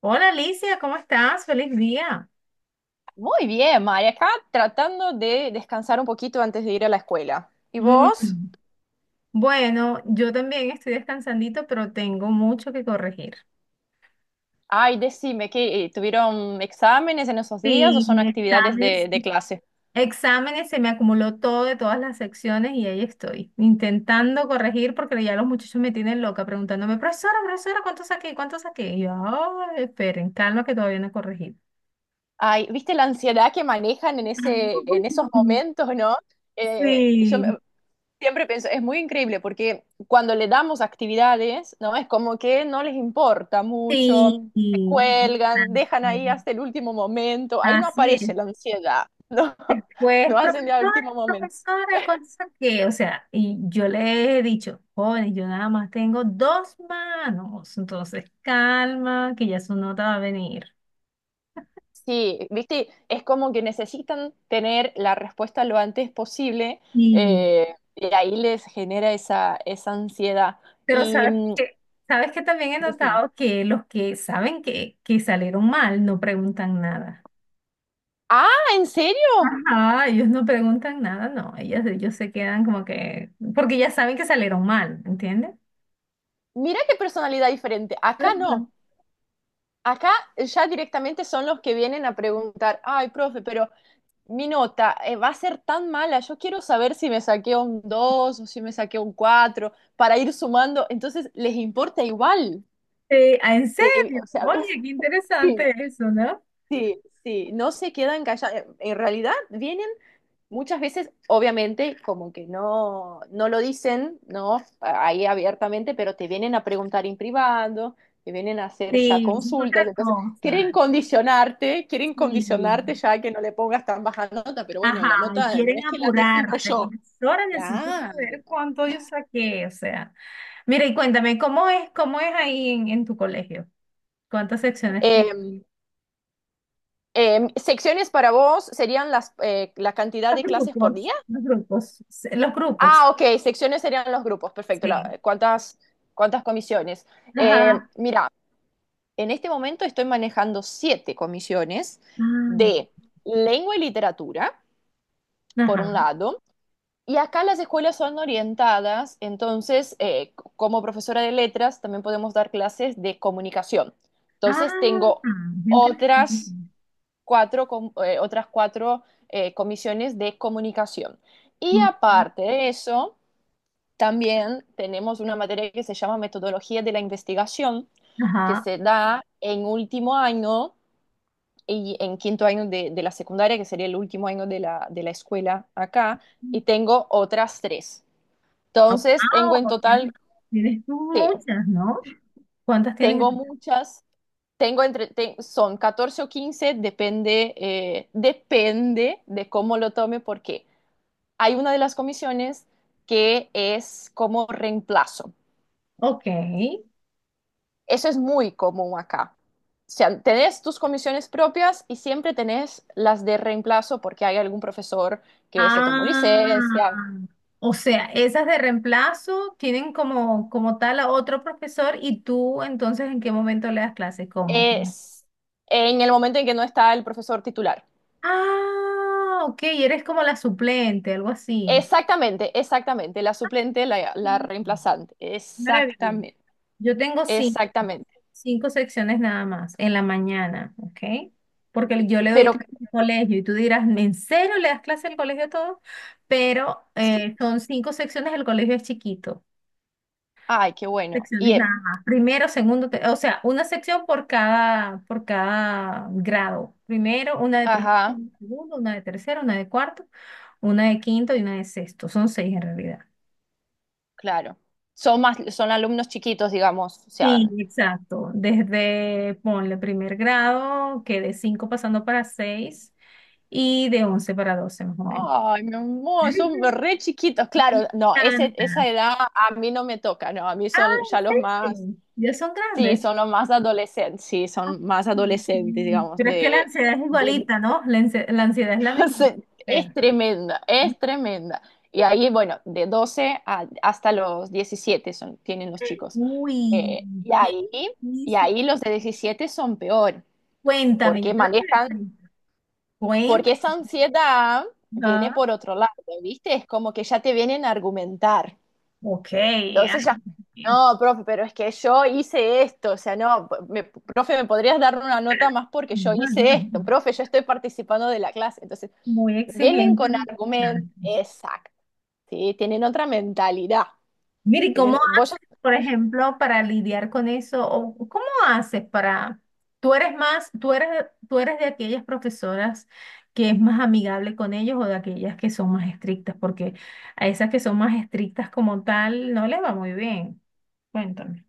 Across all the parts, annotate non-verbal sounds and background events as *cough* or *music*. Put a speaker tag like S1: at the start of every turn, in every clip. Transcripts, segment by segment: S1: Hola Alicia, ¿cómo estás? Feliz día.
S2: Muy bien, María, acá tratando de descansar un poquito antes de ir a la escuela. ¿Y
S1: Mm.
S2: vos?
S1: Bueno, yo también estoy descansandito, pero tengo mucho que corregir.
S2: Ay, decime, ¿qué, tuvieron exámenes en esos días o
S1: Sí,
S2: son
S1: mis
S2: actividades
S1: exámenes.
S2: de clase?
S1: Exámenes, se me acumuló todo de todas las secciones y ahí estoy, intentando corregir porque ya los muchachos me tienen loca preguntándome, profesora, profesora, ¿cuánto saqué? ¿Cuánto saqué? Y yo, "Ay, esperen, calma que todavía no he corregido."
S2: Ay, ¿viste la ansiedad que manejan en en esos
S1: *laughs*
S2: momentos, no? Eh, yo me-
S1: Sí,
S2: siempre pienso, es muy increíble porque cuando le damos actividades, ¿no? Es como que no les importa
S1: sí,
S2: mucho, se
S1: sí,
S2: cuelgan, dejan
S1: exacto.
S2: ahí hasta el último momento, ahí no
S1: Así es.
S2: aparece la ansiedad, ¿no? *laughs*
S1: Pues,
S2: Lo hacen de al
S1: profesora,
S2: último momento.
S1: profesora, cosa que, o sea, y yo le he dicho, joven, yo nada más tengo dos manos, entonces calma, que ya su nota va a venir.
S2: Sí, viste, es como que necesitan tener la respuesta lo antes posible,
S1: Y
S2: y ahí les genera esa ansiedad.
S1: Pero
S2: Y
S1: sabes
S2: mm,
S1: que, sabes que también he
S2: decime,
S1: notado que los que saben que salieron mal no preguntan nada.
S2: ah, ¿en serio?
S1: Ajá, ellos no preguntan nada, no, ellos se quedan como que, porque ya saben que salieron mal, ¿entiendes?
S2: Mira qué personalidad diferente. Acá
S1: Ajá.
S2: no. Acá ya directamente son los que vienen a preguntar, ay, profe, pero mi nota, va a ser tan mala, yo quiero saber si me saqué un 2 o si me saqué un 4 para ir sumando. Entonces, les importa igual.
S1: En serio,
S2: O sea,
S1: oye, qué
S2: *laughs* sí.
S1: interesante eso, ¿no?
S2: Sí, sí, no se quedan callados. En realidad vienen muchas veces, obviamente, como que no lo dicen, ¿no? Ahí abiertamente, pero te vienen a preguntar en privado, te vienen a hacer ya
S1: Sí, eso es
S2: consultas,
S1: otra
S2: entonces
S1: cosa.
S2: quieren
S1: Sí.
S2: condicionarte ya a que no le pongas tan baja nota, pero bueno,
S1: Ajá,
S2: la
S1: y
S2: nota no
S1: quieren
S2: es que la defino
S1: apurarte.
S2: yo.
S1: Profesora, necesito
S2: Claro.
S1: saber cuánto yo saqué. O sea, mira, y cuéntame, ¿cómo es ahí en tu colegio? ¿Cuántas secciones tienes?
S2: Eh, secciones para vos serían la cantidad
S1: Los
S2: de clases por
S1: grupos,
S2: día.
S1: los grupos, sí, los grupos,
S2: Ah, ok, secciones serían los grupos, perfecto.
S1: sí.
S2: ¿Cuántas, cuántas comisiones?
S1: Ajá,
S2: Mira, en este momento estoy manejando siete comisiones
S1: ah,
S2: de lengua y literatura, por un
S1: ajá.
S2: lado, y acá las escuelas son orientadas, entonces, como profesora de letras, también podemos dar clases de comunicación. Entonces,
S1: Ah,
S2: tengo
S1: qué interesante.
S2: otras cuatro, otras cuatro, comisiones de comunicación. Y
S1: Ujú.
S2: aparte de eso... También tenemos una materia que se llama metodología de la investigación, que
S1: Ajá.
S2: se da en último año y en quinto año de la secundaria, que sería el último año de de la escuela acá, y tengo otras tres.
S1: Ah,
S2: Entonces, tengo en
S1: wow,
S2: total,
S1: tienes
S2: sí,
S1: muchas, ¿no? ¿Cuántas tienes?
S2: tengo muchas, tengo son 14 o 15 depende, depende de cómo lo tome, porque hay una de las comisiones que es como reemplazo.
S1: Ok.
S2: Eso es muy común acá. O sea, tenés tus comisiones propias y siempre tenés las de reemplazo porque hay algún profesor que se tomó
S1: Ah,
S2: licencia.
S1: o sea, esas de reemplazo tienen como tal a otro profesor y tú entonces ¿en qué momento le das clases? ¿Cómo?
S2: Es en el momento en que no está el profesor titular.
S1: Ah, ok, eres como la suplente, algo así.
S2: Exactamente, exactamente. La suplente, la
S1: Mm,
S2: reemplazante.
S1: maravilloso.
S2: Exactamente,
S1: Yo tengo cinco,
S2: exactamente.
S1: cinco secciones nada más en la mañana, ¿ok? Porque yo le doy
S2: Pero,
S1: clases al colegio y tú dirás, ¿en serio le das clase al colegio todo? Pero
S2: sí.
S1: son cinco secciones, el colegio es chiquito.
S2: Ay, qué bueno. Y,
S1: Secciones nada más. Primero, segundo, o sea, una sección por cada grado. Primero, una
S2: ajá,
S1: de segundo, una de tercero, una de cuarto, una de quinto y una de sexto. Son seis en realidad.
S2: claro. Son más, son alumnos chiquitos, digamos. O
S1: Sí,
S2: sea,
S1: exacto. Desde, ponle primer grado, que de cinco pasando para seis y de 11 para 12 más o menos.
S2: ay, mi amor, son
S1: *laughs*
S2: re chiquitos. Claro, no, ese,
S1: tanta.
S2: esa edad a mí no me toca, no, a mí
S1: Ah,
S2: son ya los
S1: ¿en
S2: más,
S1: serio? Ya son
S2: sí,
S1: grandes.
S2: son los más adolescentes, sí, son más adolescentes,
S1: Mm.
S2: digamos,
S1: Pero es que la
S2: de,
S1: ansiedad es
S2: de-
S1: igualita, ¿no? La ansiedad es la
S2: *laughs*
S1: misma.
S2: es tremenda, es tremenda. Y ahí, bueno, hasta los 17 son, tienen los chicos.
S1: Uy,
S2: Eh, y
S1: ¿qué
S2: ahí, y
S1: dice?
S2: ahí los de 17 son peor,
S1: Cuéntame, yo
S2: porque
S1: creo que le
S2: manejan,
S1: pregunto. Cuéntame.
S2: porque esa ansiedad viene
S1: Ajá.
S2: por otro lado, ¿viste? Es como que ya te vienen a argumentar.
S1: Ok, ay,
S2: Entonces ya,
S1: bien.
S2: no, profe, pero es que yo hice esto, o sea, no, profe, ¿me podrías dar una nota más porque yo hice esto?
S1: *laughs*
S2: Profe, yo estoy participando de la clase. Entonces,
S1: Muy
S2: vienen
S1: exigente
S2: con
S1: los
S2: argumentos,
S1: muchachos.
S2: exacto, ¿sí? Tienen otra mentalidad.
S1: Mire, ¿y cómo,
S2: Tienen, vos...
S1: por ejemplo, para lidiar con eso? ¿O cómo haces para, tú eres más, tú eres de aquellas profesoras que es más amigable con ellos o de aquellas que son más estrictas? Porque a esas que son más estrictas como tal no les va muy bien. Cuéntame.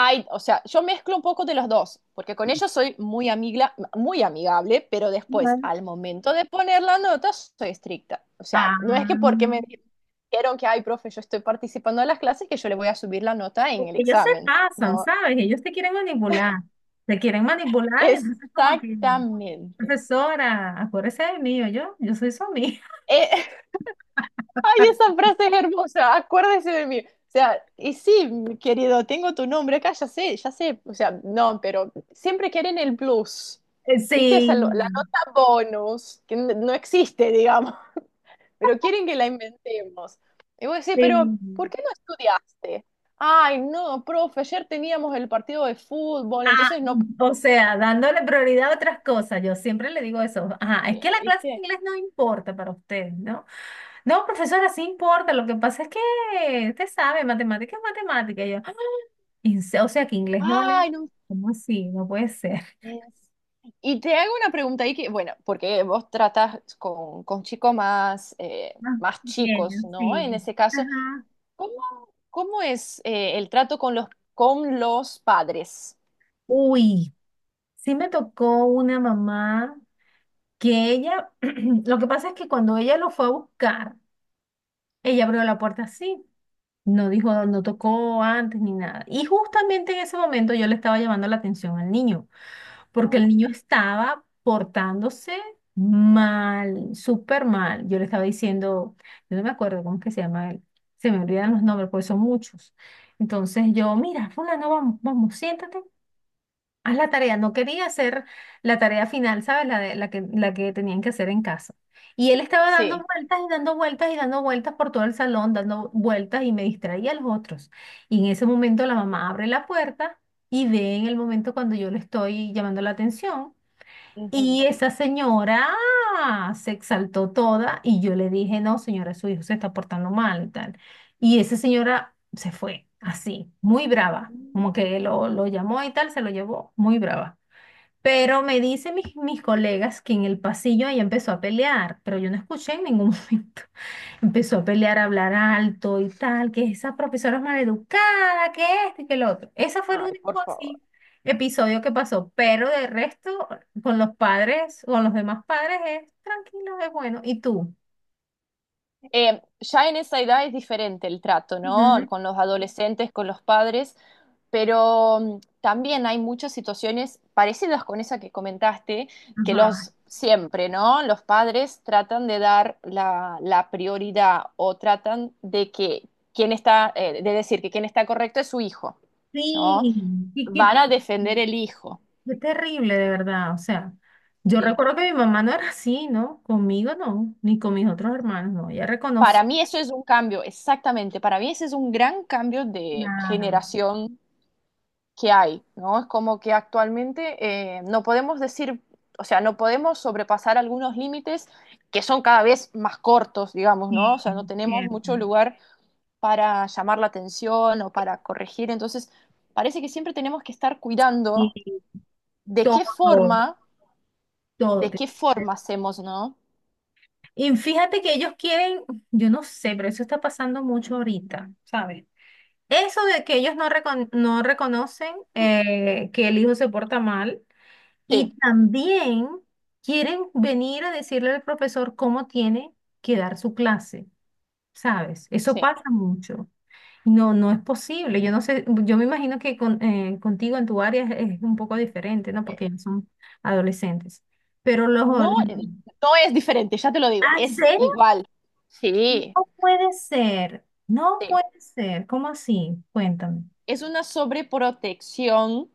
S2: Ay, o sea, yo mezclo un poco de los dos, porque con ellos soy muy muy amigable, pero después, al momento de poner la nota, soy estricta. O sea, no es que
S1: Ah,
S2: porque me dijeron que, ay, profe, yo estoy participando en las clases, que yo le voy a subir la nota en
S1: porque
S2: el
S1: ellos se
S2: examen.
S1: pasan,
S2: No,
S1: ¿sabes? Ellos te quieren manipular, entonces como que,
S2: exactamente.
S1: profesora, acuérdese de mí, yo soy su amiga.
S2: Eh, Ay, esa
S1: *laughs*
S2: frase es hermosa, acuérdese de mí. O sea, y sí, mi querido, tengo tu nombre acá, ya sé, ya sé. O sea, no, pero siempre quieren el plus. ¿Viste?
S1: Sí,
S2: La nota bonus, que no existe, digamos, *laughs* pero quieren que la inventemos. Y vos decís, pero
S1: sí.
S2: ¿por qué no estudiaste? Ay, no, profe, ayer teníamos el partido de fútbol,
S1: Ah,
S2: entonces no,
S1: o sea, dándole prioridad a otras cosas, yo siempre le digo eso, ajá, es que
S2: pude,
S1: la clase de
S2: ¿viste?
S1: inglés no importa para usted, ¿no? No, profesora, sí importa, lo que pasa es que usted sabe, matemática es matemática, y yo, "Ah, o sea, que inglés no vale,
S2: Ay, no.
S1: ¿cómo así? No puede ser."
S2: Es- Y te hago una pregunta ahí que, bueno, porque vos tratas con chicos más,
S1: Más
S2: más
S1: pequeños,
S2: chicos, ¿no? En
S1: sí.
S2: ese caso,
S1: Ajá.
S2: ¿cómo, cómo es, el trato con con los padres?
S1: Uy, sí me tocó una mamá que ella, *clears throat* lo que pasa es que cuando ella lo fue a buscar, ella abrió la puerta así, no dijo, no tocó antes ni nada. Y justamente en ese momento yo le estaba llamando la atención al niño, porque el niño estaba portándose mal, súper mal. Yo le estaba diciendo, yo no me acuerdo cómo es que se llama él, se me olvidan los nombres, porque son muchos. Entonces yo, mira, fulano, vamos, vamos, siéntate. Haz la tarea, no quería hacer la tarea final, ¿sabes? La que tenían que hacer en casa. Y él estaba dando
S2: Sí.
S1: vueltas y dando vueltas y dando vueltas por todo el salón, dando vueltas y me distraía a los otros. Y en ese momento la mamá abre la puerta y ve en el momento cuando yo le estoy llamando la atención.
S2: Ujú.
S1: Y esa señora se exaltó toda y yo le dije, no, señora, su hijo se está portando mal y tal. Y esa señora se fue así, muy brava, como
S2: Mm.
S1: que lo llamó y tal, se lo llevó, muy brava. Pero me dicen mis colegas que en el pasillo ella empezó a pelear, pero yo no escuché en ningún *laughs* momento. Empezó a pelear, a hablar alto y tal, que esa profesora es maleducada, que esto y que lo otro. Ese fue el
S2: Ay, por
S1: único
S2: favor.
S1: así episodio que pasó, pero de resto, con los padres, con los demás padres es tranquilo, es bueno. ¿Y tú?
S2: Ya en esa edad es diferente el trato, ¿no?
S1: Ujú.
S2: Con los adolescentes, con los padres. Pero mm, también hay muchas situaciones parecidas con esa que comentaste, que
S1: Ajá.
S2: los siempre, ¿no? Los padres tratan de dar la prioridad o tratan de que quien está, de decir que quien está correcto es su hijo, ¿no?
S1: Sí, y qué,
S2: Van a defender el hijo.
S1: qué terrible, de verdad. O sea, yo
S2: Sí.
S1: recuerdo que mi mamá no era así, ¿no? Conmigo no, ni con mis otros hermanos, no. Ella
S2: Para
S1: reconoce.
S2: mí eso es un cambio, exactamente. Para mí ese es un gran cambio de
S1: Claro,
S2: generación que hay, ¿no? Es como que actualmente, no podemos decir, o sea, no podemos sobrepasar algunos límites que son cada vez más cortos, digamos, ¿no? O
S1: sí,
S2: sea, no
S1: es
S2: tenemos
S1: cierto.
S2: mucho lugar para llamar la atención o para corregir, entonces parece que siempre tenemos que estar
S1: Y
S2: cuidando de qué
S1: todo.
S2: forma,
S1: Todo
S2: de
S1: tiene
S2: qué
S1: que ver.
S2: forma hacemos, ¿no?
S1: Y fíjate que ellos quieren, yo no sé, pero eso está pasando mucho ahorita, ¿sabes? Eso de que ellos no reconocen que el hijo se porta mal
S2: Sí,
S1: y también quieren venir a decirle al profesor cómo tiene que dar su clase, ¿sabes? Eso
S2: sí.
S1: pasa mucho. No, no es posible. Yo no sé, yo me imagino que contigo en tu área es, un poco diferente, ¿no? Porque ellos son adolescentes. Pero los...
S2: No, no es diferente, ya te lo digo,
S1: ¿Ah,
S2: es
S1: sí?
S2: igual.
S1: No
S2: Sí,
S1: puede ser, no
S2: sí.
S1: puede ser. ¿Cómo así? Cuéntame.
S2: Es una sobreprotección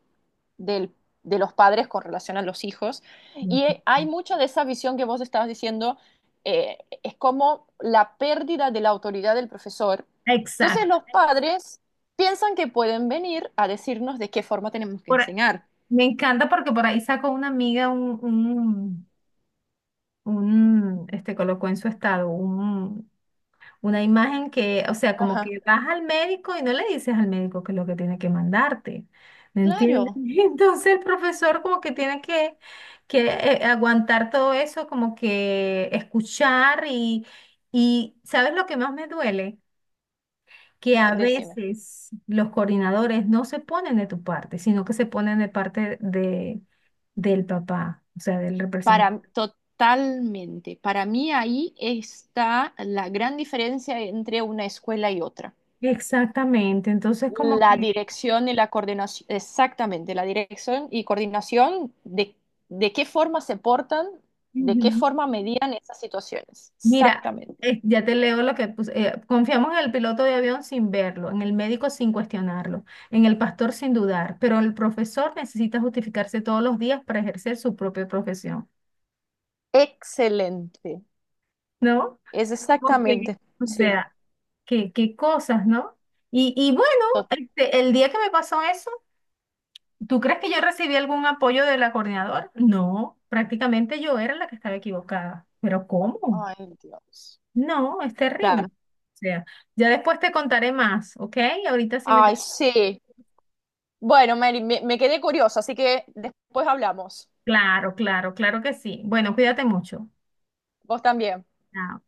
S2: del, de los padres con relación a los hijos. Y
S1: Ujú.
S2: hay mucha de esa visión que vos estabas diciendo, es como la pérdida de la autoridad del profesor. Entonces
S1: Exacto.
S2: los padres piensan que pueden venir a decirnos de qué forma tenemos que
S1: Por a-
S2: enseñar.
S1: Me encanta porque por ahí sacó una amiga colocó en su estado una imagen que, o sea, como
S2: Ajá.
S1: que vas al médico y no le dices al médico que es lo que tiene que mandarte. ¿Me entiendes? *laughs*
S2: Claro,
S1: Entonces el profesor como que tiene que, aguantar todo eso, como que escuchar y ¿sabes lo que más me duele? Que
S2: que,
S1: a
S2: decime.
S1: veces los coordinadores no se ponen de tu parte, sino que se ponen de parte del papá, o sea, del representante.
S2: Para, totalmente. Para mí ahí está la gran diferencia entre una escuela y otra.
S1: Exactamente, entonces como
S2: La
S1: que,
S2: dirección y la coordinación, exactamente, la dirección y coordinación de qué forma se portan, de qué
S1: ujú.
S2: forma medían esas situaciones.
S1: Mira,
S2: Exactamente.
S1: ya te leo lo que puse, confiamos en el piloto de avión sin verlo, en el médico sin cuestionarlo, en el pastor sin dudar, pero el profesor necesita justificarse todos los días para ejercer su propia profesión,
S2: Excelente.
S1: ¿no?
S2: Es
S1: Porque,
S2: exactamente.
S1: o
S2: Sí.
S1: sea, qué cosas, ¿no? Y bueno,
S2: Tot-
S1: este, el día que me pasó eso, ¿tú crees que yo recibí algún apoyo de la coordinadora? No, prácticamente yo era la que estaba equivocada. ¿Pero cómo?
S2: Ay, Dios.
S1: No, es terrible.
S2: Claro.
S1: O sea, ya después te contaré más, ¿ok? Ahorita sí me...
S2: Ay, sí. Bueno, Mary, me quedé curiosa, así que después hablamos.
S1: Claro, claro, claro que sí. Bueno, cuídate mucho.
S2: Vos también.
S1: Chao.